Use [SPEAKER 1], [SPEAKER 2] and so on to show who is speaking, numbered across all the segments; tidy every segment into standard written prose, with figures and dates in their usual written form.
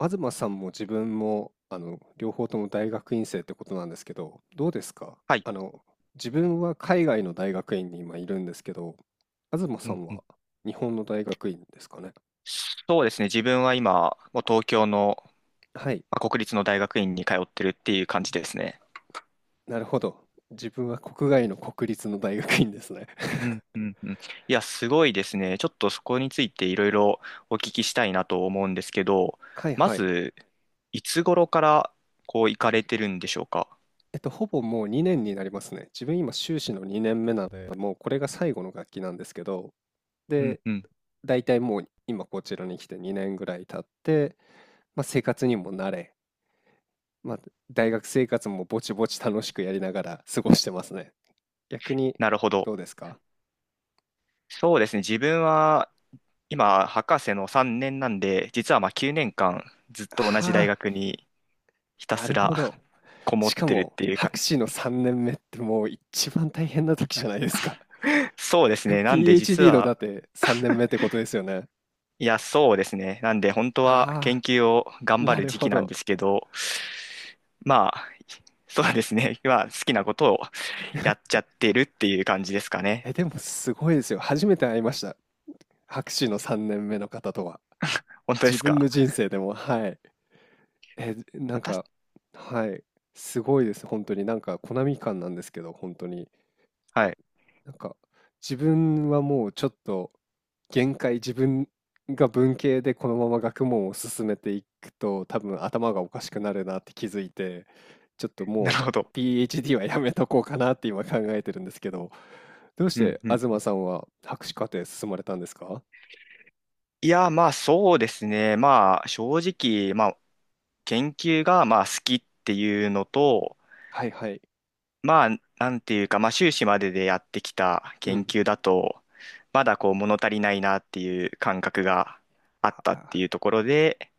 [SPEAKER 1] 東さんも自分も両方とも大学院生ってことなんですけど、どうですか？
[SPEAKER 2] はい。
[SPEAKER 1] あの自分は海外の大学院に今いるんですけど、東
[SPEAKER 2] う
[SPEAKER 1] さ
[SPEAKER 2] ん
[SPEAKER 1] ん
[SPEAKER 2] うん。
[SPEAKER 1] は日本の大学院ですかね。
[SPEAKER 2] そうですね。自分は今、もう東京の、
[SPEAKER 1] はい、
[SPEAKER 2] まあ、国立の大学院に通ってるっていう感じですね。
[SPEAKER 1] なるほど。自分は国外の国立の大学院ですね。
[SPEAKER 2] うんうんうん。いや、すごいですね。ちょっとそこについていろいろお聞きしたいなと思うんですけど、
[SPEAKER 1] はい
[SPEAKER 2] ま
[SPEAKER 1] はい。
[SPEAKER 2] ず、いつ頃からこう行かれてるんでしょうか。
[SPEAKER 1] ほぼもう2年になりますね。自分今修士の2年目なので、もうこれが最後の学期なんですけど、
[SPEAKER 2] うん
[SPEAKER 1] で、
[SPEAKER 2] うん。
[SPEAKER 1] 大体もう今こちらに来て2年ぐらい経って、まあ、生活にも慣れ、まあ、大学生活もぼちぼち楽しくやりながら過ごしてますね。逆に
[SPEAKER 2] なるほど。
[SPEAKER 1] どうですか？
[SPEAKER 2] そうですね。自分は今、博士の3年なんで、実はまあ9年間ずっと同じ
[SPEAKER 1] あ
[SPEAKER 2] 大
[SPEAKER 1] あ、
[SPEAKER 2] 学にひた
[SPEAKER 1] な
[SPEAKER 2] す
[SPEAKER 1] る
[SPEAKER 2] ら
[SPEAKER 1] ほど。
[SPEAKER 2] こも
[SPEAKER 1] し
[SPEAKER 2] っ
[SPEAKER 1] か
[SPEAKER 2] てるっ
[SPEAKER 1] も、
[SPEAKER 2] ていう感
[SPEAKER 1] 博
[SPEAKER 2] じ。
[SPEAKER 1] 士の3年目ってもう一番大変な時じゃないですか。
[SPEAKER 2] そうです ね。なんで実
[SPEAKER 1] PhD の
[SPEAKER 2] は、
[SPEAKER 1] だって3年目ってことですよね。
[SPEAKER 2] いや、そうですね。なんで本当は研
[SPEAKER 1] ああ、
[SPEAKER 2] 究を頑張
[SPEAKER 1] な
[SPEAKER 2] る
[SPEAKER 1] る
[SPEAKER 2] 時
[SPEAKER 1] ほ
[SPEAKER 2] 期なん
[SPEAKER 1] ど。
[SPEAKER 2] ですけど、まあ、そうですね。まあ、好きなことをやっちゃってるっていう感じですかね。
[SPEAKER 1] え、でもすごいですよ。初めて会いました。博士の3年目の方とは。
[SPEAKER 2] 本当で
[SPEAKER 1] 自
[SPEAKER 2] す
[SPEAKER 1] 分
[SPEAKER 2] か？
[SPEAKER 1] の人生でも、はい。え、なん
[SPEAKER 2] 私、
[SPEAKER 1] か、はい。すごいです。本当に。なんか、コナミ感なんですけど、本当に。
[SPEAKER 2] はい。
[SPEAKER 1] なんか、自分はもうちょっと限界、自分が文系でこのまま学問を進めていくと、多分頭がおかしくなるなって気づいて、ちょっと
[SPEAKER 2] な
[SPEAKER 1] もう
[SPEAKER 2] るほど。
[SPEAKER 1] PhD はやめとこうかなって今考えてるんですけど、どうし
[SPEAKER 2] うん
[SPEAKER 1] て
[SPEAKER 2] うんう
[SPEAKER 1] 東
[SPEAKER 2] ん。
[SPEAKER 1] さんは博士課程進まれたんですか？
[SPEAKER 2] いや、まあそうですね。まあ正直、まあ研究がまあ好きっていうのと、
[SPEAKER 1] はいはい。
[SPEAKER 2] まあ、なんていうか、まあ、修士まででやってきた
[SPEAKER 1] う
[SPEAKER 2] 研
[SPEAKER 1] ん。
[SPEAKER 2] 究だと、まだこう物足りないなっていう感覚があっ
[SPEAKER 1] あ
[SPEAKER 2] たってい
[SPEAKER 1] ー、
[SPEAKER 2] うところで、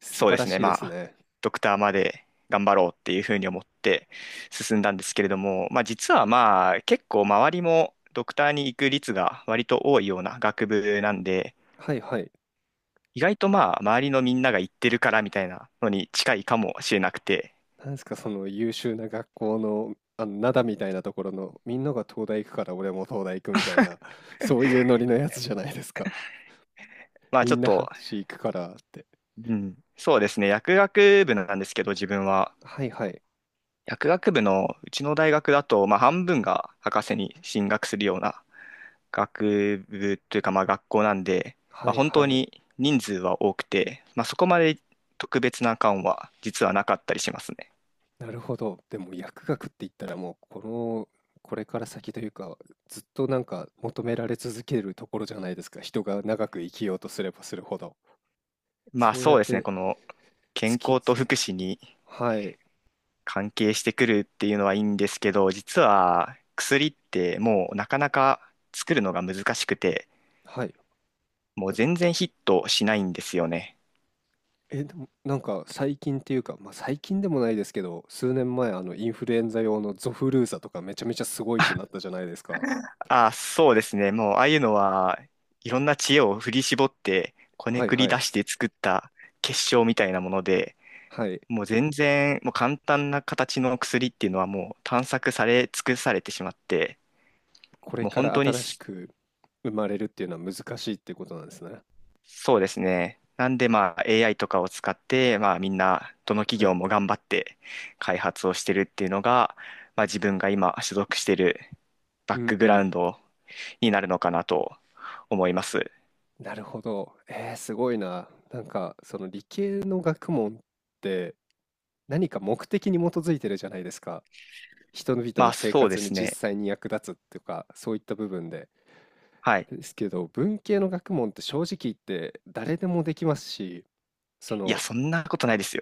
[SPEAKER 1] 素
[SPEAKER 2] そう
[SPEAKER 1] 晴
[SPEAKER 2] で
[SPEAKER 1] ら
[SPEAKER 2] す
[SPEAKER 1] し
[SPEAKER 2] ね、
[SPEAKER 1] いで
[SPEAKER 2] ま
[SPEAKER 1] す
[SPEAKER 2] あ、
[SPEAKER 1] ね。
[SPEAKER 2] ドクターまで頑張ろうっていうふうに思って進んだんですけれども、まあ、実はまあ、結構周りもドクターに行く率が割と多いような学部なんで、
[SPEAKER 1] はいはい。
[SPEAKER 2] 意外とまあ、周りのみんなが行ってるからみたいなのに近いかもしれなくて、
[SPEAKER 1] なんですか、その優秀な学校の、灘みたいなところの、みんなが東大行くから俺も東大行くみたいな、そういうノリのやつじゃないですか。
[SPEAKER 2] まあ、ち
[SPEAKER 1] み
[SPEAKER 2] ょっ
[SPEAKER 1] んな博
[SPEAKER 2] と、
[SPEAKER 1] 士行くからって。
[SPEAKER 2] うん、そうですね、薬学部なんですけど、自分は。
[SPEAKER 1] はいはい。
[SPEAKER 2] 薬学部のうちの大学だと、まあ、半分が博士に進学するような学部というか、まあ、学校なんで、ま
[SPEAKER 1] は
[SPEAKER 2] あ、
[SPEAKER 1] い
[SPEAKER 2] 本当
[SPEAKER 1] はい。
[SPEAKER 2] に人数は多くて、まあ、そこまで特別な感は実はなかったりしますね。
[SPEAKER 1] なるほど。でも薬学って言ったらもう、この、これから先というか、ずっとなんか求められ続けるところじゃないですか。人が長く生きようとすればするほど。
[SPEAKER 2] まあ
[SPEAKER 1] そうや
[SPEAKER 2] そう
[SPEAKER 1] っ
[SPEAKER 2] ですね、
[SPEAKER 1] て
[SPEAKER 2] この健
[SPEAKER 1] 突き
[SPEAKER 2] 康と
[SPEAKER 1] 詰め
[SPEAKER 2] 福
[SPEAKER 1] て。
[SPEAKER 2] 祉に
[SPEAKER 1] はい。
[SPEAKER 2] 関係してくるっていうのはいいんですけど、実は薬ってもうなかなか作るのが難しくて、
[SPEAKER 1] はい。
[SPEAKER 2] もう全然ヒットしないんですよね。
[SPEAKER 1] え、でも、なんか最近っていうか、まあ、最近でもないですけど、数年前、インフルエンザ用のゾフルーザとかめちゃめちゃすごいってなったじゃないですか。
[SPEAKER 2] あ、そうですね。もう、ああいうのは、いろんな知恵を振り絞って、こね
[SPEAKER 1] はい
[SPEAKER 2] くり
[SPEAKER 1] は
[SPEAKER 2] 出
[SPEAKER 1] い。
[SPEAKER 2] して作った結晶みたいなもので、
[SPEAKER 1] はい。
[SPEAKER 2] もう全然、もう簡単な形の薬っていうのはもう探索され尽くされてしまって、
[SPEAKER 1] これ
[SPEAKER 2] もう
[SPEAKER 1] か
[SPEAKER 2] 本
[SPEAKER 1] ら
[SPEAKER 2] 当に
[SPEAKER 1] 新しく生まれるっていうのは難しいっていうことなんですね。
[SPEAKER 2] そうですね。なんでまあ AI とかを使って、まあみんな、どの企
[SPEAKER 1] は
[SPEAKER 2] 業
[SPEAKER 1] い。
[SPEAKER 2] も頑張って開発をしてるっていうのが、まあ自分が今所属してるバッ
[SPEAKER 1] うん
[SPEAKER 2] ク
[SPEAKER 1] う
[SPEAKER 2] グラウ
[SPEAKER 1] ん。
[SPEAKER 2] ンドになるのかなと思います。
[SPEAKER 1] なるほど。すごいな。なんか、その理系の学問って何か目的に基づいてるじゃないですか。人々
[SPEAKER 2] ま
[SPEAKER 1] の
[SPEAKER 2] あ
[SPEAKER 1] 生
[SPEAKER 2] そうで
[SPEAKER 1] 活に
[SPEAKER 2] す
[SPEAKER 1] 実
[SPEAKER 2] ね。
[SPEAKER 1] 際に役立つっていうか、そういった部分で。
[SPEAKER 2] はい。
[SPEAKER 1] ですけど、文系の学問って正直言って誰でもできますし、そ
[SPEAKER 2] いや、
[SPEAKER 1] の、
[SPEAKER 2] そんなことないですよ。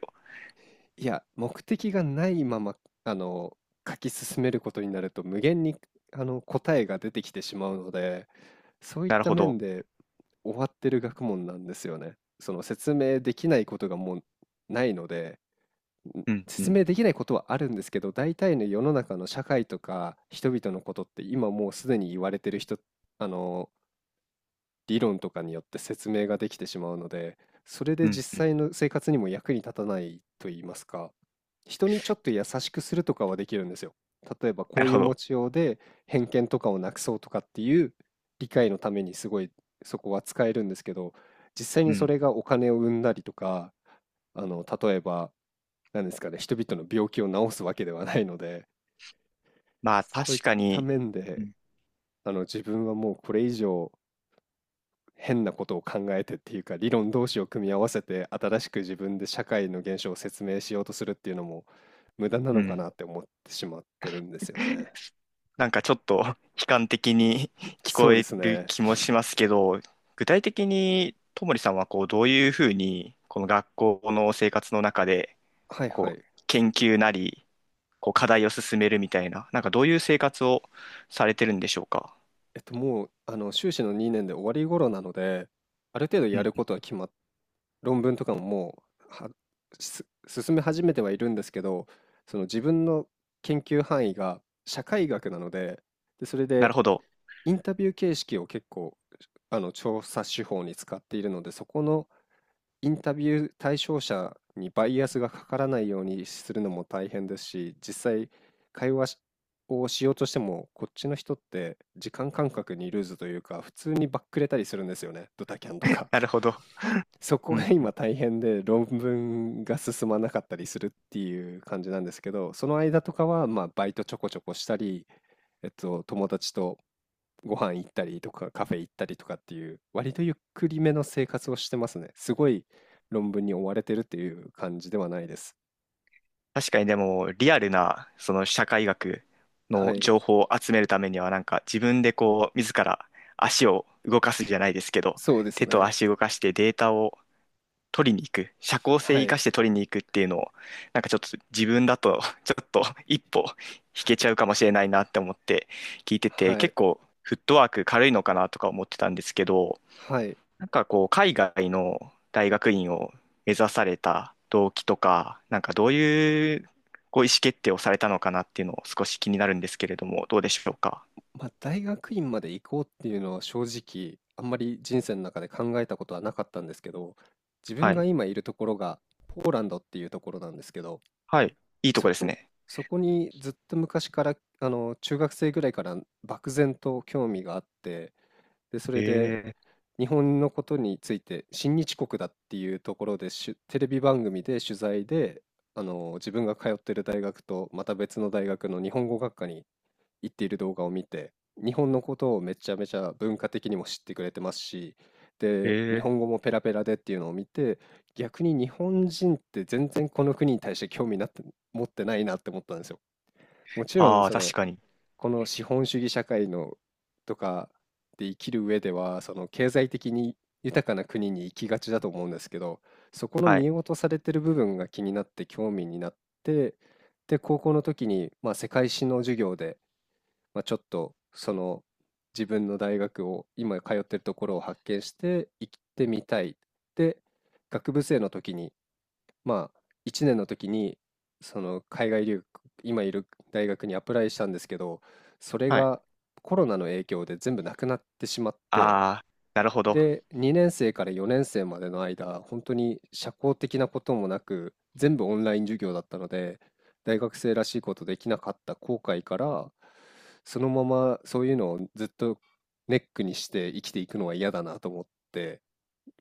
[SPEAKER 1] いや、目的がないまま、あの、書き進めることになると無限に、答えが出てきてしまうので、そういっ
[SPEAKER 2] なる
[SPEAKER 1] た
[SPEAKER 2] ほど。
[SPEAKER 1] 面で終わってる学問なんですよね。その説明できないことがもうないので、
[SPEAKER 2] うん、う
[SPEAKER 1] 説
[SPEAKER 2] ん、
[SPEAKER 1] 明できないことはあるんですけど、大体の世の中の社会とか人々のことって今もうすでに言われてる人、あの、理論とかによって説明ができてしまうので、それで
[SPEAKER 2] うん。
[SPEAKER 1] 実際の生活にも役に立たないと言いますか、人にちょっと優しくするとかはできるんですよ。例えば
[SPEAKER 2] な
[SPEAKER 1] こ
[SPEAKER 2] る
[SPEAKER 1] うい
[SPEAKER 2] ほ
[SPEAKER 1] う持
[SPEAKER 2] ど。
[SPEAKER 1] ちようで偏見とかをなくそうとかっていう理解のためにすごいそこは使えるんですけど、実際
[SPEAKER 2] う
[SPEAKER 1] にそ
[SPEAKER 2] ん。
[SPEAKER 1] れがお金を生んだりとか、例えば、何ですかね、人々の病気を治すわけではないので、
[SPEAKER 2] まあ、
[SPEAKER 1] そうい
[SPEAKER 2] 確
[SPEAKER 1] っ
[SPEAKER 2] か
[SPEAKER 1] た
[SPEAKER 2] に、
[SPEAKER 1] 面
[SPEAKER 2] う
[SPEAKER 1] で、
[SPEAKER 2] ん。
[SPEAKER 1] 自分はもうこれ以上変なことを考えてっていうか理論同士を組み合わせて新しく自分で社会の現象を説明しようとするっていうのも無駄な
[SPEAKER 2] う
[SPEAKER 1] のか
[SPEAKER 2] ん。
[SPEAKER 1] なって思ってしまってるんですよね。
[SPEAKER 2] なんかちょっと 悲観的に 聞
[SPEAKER 1] そ
[SPEAKER 2] こ
[SPEAKER 1] うで
[SPEAKER 2] え
[SPEAKER 1] す
[SPEAKER 2] る
[SPEAKER 1] ね。
[SPEAKER 2] 気もしますけど、具体的に、ともりさんは、こう、どういうふうに、この学校の生活の中で、
[SPEAKER 1] はいは
[SPEAKER 2] こう、
[SPEAKER 1] い。
[SPEAKER 2] 研究なり、こう、課題を進めるみたいな、なんかどういう生活をされてるんでしょうか。
[SPEAKER 1] もう修士の2年で終わり頃なので、ある程度
[SPEAKER 2] う
[SPEAKER 1] やるこ
[SPEAKER 2] ん。
[SPEAKER 1] とは決まっ論文とかももう進め始めてはいるんですけど、その自分の研究範囲が社会学なので、でそれ
[SPEAKER 2] なる
[SPEAKER 1] で
[SPEAKER 2] ほど。
[SPEAKER 1] インタビュー形式を結構調査手法に使っているので、そこのインタビュー対象者にバイアスがかからないようにするのも大変ですし、実際会話しをしようとしても、こっちの人って時間感覚にルーズというか、普通にバックれたりするんですよね、ドタキャンと か。
[SPEAKER 2] なるほど。
[SPEAKER 1] そこ
[SPEAKER 2] う
[SPEAKER 1] が
[SPEAKER 2] ん。
[SPEAKER 1] 今大変で論文が進まなかったりするっていう感じなんですけど、その間とかはまあバイトちょこちょこしたり、友達とご飯行ったりとかカフェ行ったりとかっていう割とゆっくりめの生活をしてますね。すごい論文に追われてるっていう感じではないです。
[SPEAKER 2] 確かにでも、リアルな、その社会学
[SPEAKER 1] は
[SPEAKER 2] の
[SPEAKER 1] い、
[SPEAKER 2] 情報を集めるためには、なんか自分でこう、自ら足を動かすじゃないですけど、
[SPEAKER 1] そうです
[SPEAKER 2] 手と
[SPEAKER 1] ね。
[SPEAKER 2] 足動かしてデータを取りに行く、社交性
[SPEAKER 1] は
[SPEAKER 2] 生
[SPEAKER 1] い、
[SPEAKER 2] かして取りに行くっていうのを、なんかちょっと自分だと、ちょっと一歩引けちゃうかもしれないなって思って聞いてて、
[SPEAKER 1] はい、
[SPEAKER 2] 結構フットワーク軽いのかなとか思ってたんですけど、
[SPEAKER 1] はい。
[SPEAKER 2] なんかこう、海外の大学院を目指された動機とか、なんかどういうこう意思決定をされたのかなっていうのを少し気になるんですけれども、どうでしょうか。
[SPEAKER 1] まあ、大学院まで行こうっていうのは正直、あんまり人生の中で考えたことはなかったんですけど、自分
[SPEAKER 2] は
[SPEAKER 1] が
[SPEAKER 2] い。
[SPEAKER 1] 今いるところがポーランドっていうところなんですけど、
[SPEAKER 2] はい。いいとこ
[SPEAKER 1] そ
[SPEAKER 2] です
[SPEAKER 1] こ
[SPEAKER 2] ね。
[SPEAKER 1] そこにずっと昔から、中学生ぐらいから漠然と興味があって、で、そ
[SPEAKER 2] え
[SPEAKER 1] れで
[SPEAKER 2] え、
[SPEAKER 1] 日本のことについて、親日国だっていうところで、テレビ番組で取材で、自分が通ってる大学とまた別の大学の日本語学科に言っている動画を見て、日本のことをめちゃめちゃ文化的にも知ってくれてますし、
[SPEAKER 2] え
[SPEAKER 1] で、日
[SPEAKER 2] ー
[SPEAKER 1] 本語もペラペラでっていうのを見て、逆に日本人って全然この国に対して興味なって持ってないなって思ったんですよ。もちろん、
[SPEAKER 2] ああ、確かに。
[SPEAKER 1] この資本主義社会のとかで生きる上では、その経済的に豊かな国に行きがちだと思うんですけど、そこの
[SPEAKER 2] はい。
[SPEAKER 1] 見落とされてる部分が気になって興味になって、で、高校の時に、まあ、世界史の授業で、まあ、ちょっとその自分の大学を今通ってるところを発見して行ってみたい。で、学部生の時に、まあ1年の時にその海外留学、今いる大学にアプライしたんですけど、それ
[SPEAKER 2] はい。
[SPEAKER 1] がコロナの影響で全部なくなってしまって、
[SPEAKER 2] ああ、なるほど。
[SPEAKER 1] で、2年生から4年生までの間、本当に社交的なこともなく、全部オンライン授業だったので、大学生らしいことできなかった後悔から、そのままそういうのをずっとネックにして生きていくのは嫌だなと思って、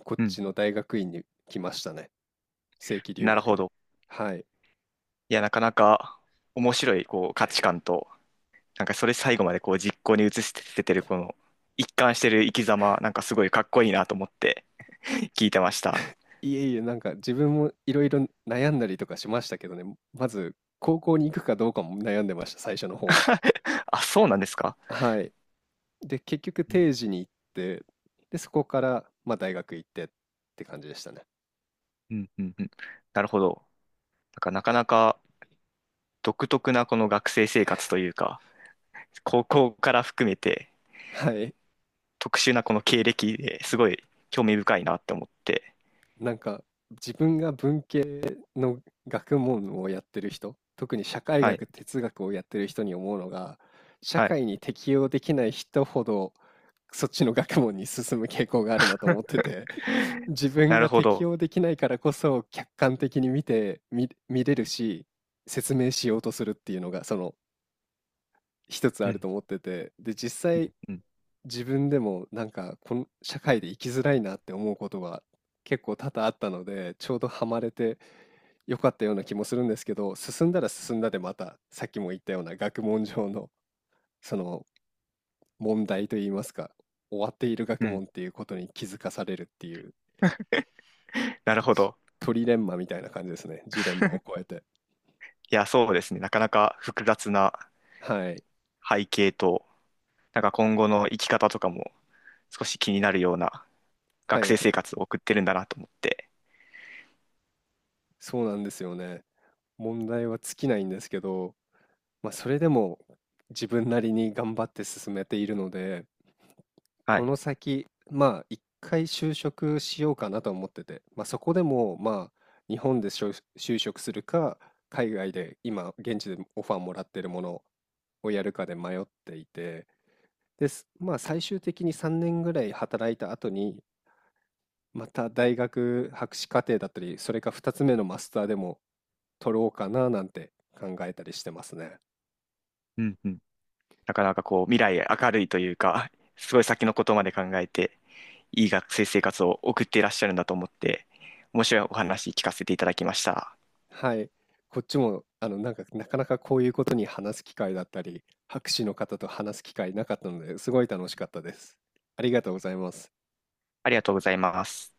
[SPEAKER 1] こっ
[SPEAKER 2] うん。
[SPEAKER 1] ちの大学院に来ましたね。正規留
[SPEAKER 2] なる
[SPEAKER 1] 学
[SPEAKER 2] ほ
[SPEAKER 1] で。
[SPEAKER 2] ど。
[SPEAKER 1] はい。
[SPEAKER 2] いや、なかなか面白いこう価値観と、なんかそれ最後までこう実行に移しててるこの一貫してる生き様、なんかすごいかっこいいなと思って 聞いてました。
[SPEAKER 1] いえいえ、なんか自分もいろいろ悩んだりとかしましたけどね、まず高校に行くかどうかも悩んでました、最初の方は。
[SPEAKER 2] あ、そうなんですか？
[SPEAKER 1] はい。で、結局定時に行って、で、そこから、まあ、大学行ってって感じでしたね。
[SPEAKER 2] うんうんうん。なるほど。なんかなかなか独特なこの学生生活というか、高校から含めて
[SPEAKER 1] はい。
[SPEAKER 2] 特殊なこの経歴ですごい興味深いなって思って。
[SPEAKER 1] なんか、自分が文系の学問をやってる人、特に社会
[SPEAKER 2] はい。
[SPEAKER 1] 学、哲学をやってる人に思うのが、社
[SPEAKER 2] はい。
[SPEAKER 1] 会に適応できない人ほど、そっちの学問に進む傾向があるなと思ってて、自分
[SPEAKER 2] なる
[SPEAKER 1] が
[SPEAKER 2] ほ
[SPEAKER 1] 適
[SPEAKER 2] ど。
[SPEAKER 1] 応できないからこそ、客観的に見て、見れるし、説明しようとするっていうのが、一つ
[SPEAKER 2] う
[SPEAKER 1] ある
[SPEAKER 2] ん
[SPEAKER 1] と思ってて、で、実際、
[SPEAKER 2] うん
[SPEAKER 1] 自分でもなんかこの社会で生きづらいなって思うことが結構多々あったので、ちょうどハマれてよかったような気もするんですけど、進んだら進んだでまたさっきも言ったような学問上のその問題といいますか、終わっている
[SPEAKER 2] う
[SPEAKER 1] 学
[SPEAKER 2] ん。
[SPEAKER 1] 問っていうことに気づかされるっていう
[SPEAKER 2] なるほ
[SPEAKER 1] ジ
[SPEAKER 2] ど。
[SPEAKER 1] トリレンマみたいな感じですね。ジレンマを超えて。
[SPEAKER 2] いや、そうですね。なかなか複雑な
[SPEAKER 1] はい。
[SPEAKER 2] 背景と、なんか今後の生き方とかも少し気になるような
[SPEAKER 1] は
[SPEAKER 2] 学
[SPEAKER 1] い
[SPEAKER 2] 生
[SPEAKER 1] はい。
[SPEAKER 2] 生活を送ってるんだなと思って。
[SPEAKER 1] そうなんですよね。問題は尽きないんですけど、まあ、それでも自分なりに頑張って進めているので、
[SPEAKER 2] は
[SPEAKER 1] こ
[SPEAKER 2] い。
[SPEAKER 1] の先、まあ、一回就職しようかなと思ってて、まあ、そこでも、まあ、日本で就職するか、海外で今、現地でオファーもらってるものをやるかで迷っていて、です。まあ、最終的に3年ぐらい働いた後に、また大学博士課程だったり、それか2つ目のマスターでも取ろうかななんて考えたりしてますね。
[SPEAKER 2] うんうん。なかなかこう、未来明るいというか、すごい先のことまで考えて、いい学生生活を送っていらっしゃるんだと思って、面白いお話聞かせていただきました。
[SPEAKER 1] はい。こっちも、なんか、なかなかこういうことに話す機会だったり、博士の方と話す機会なかったので、すごい楽しかったです。ありがとうございます。
[SPEAKER 2] ありがとうございます。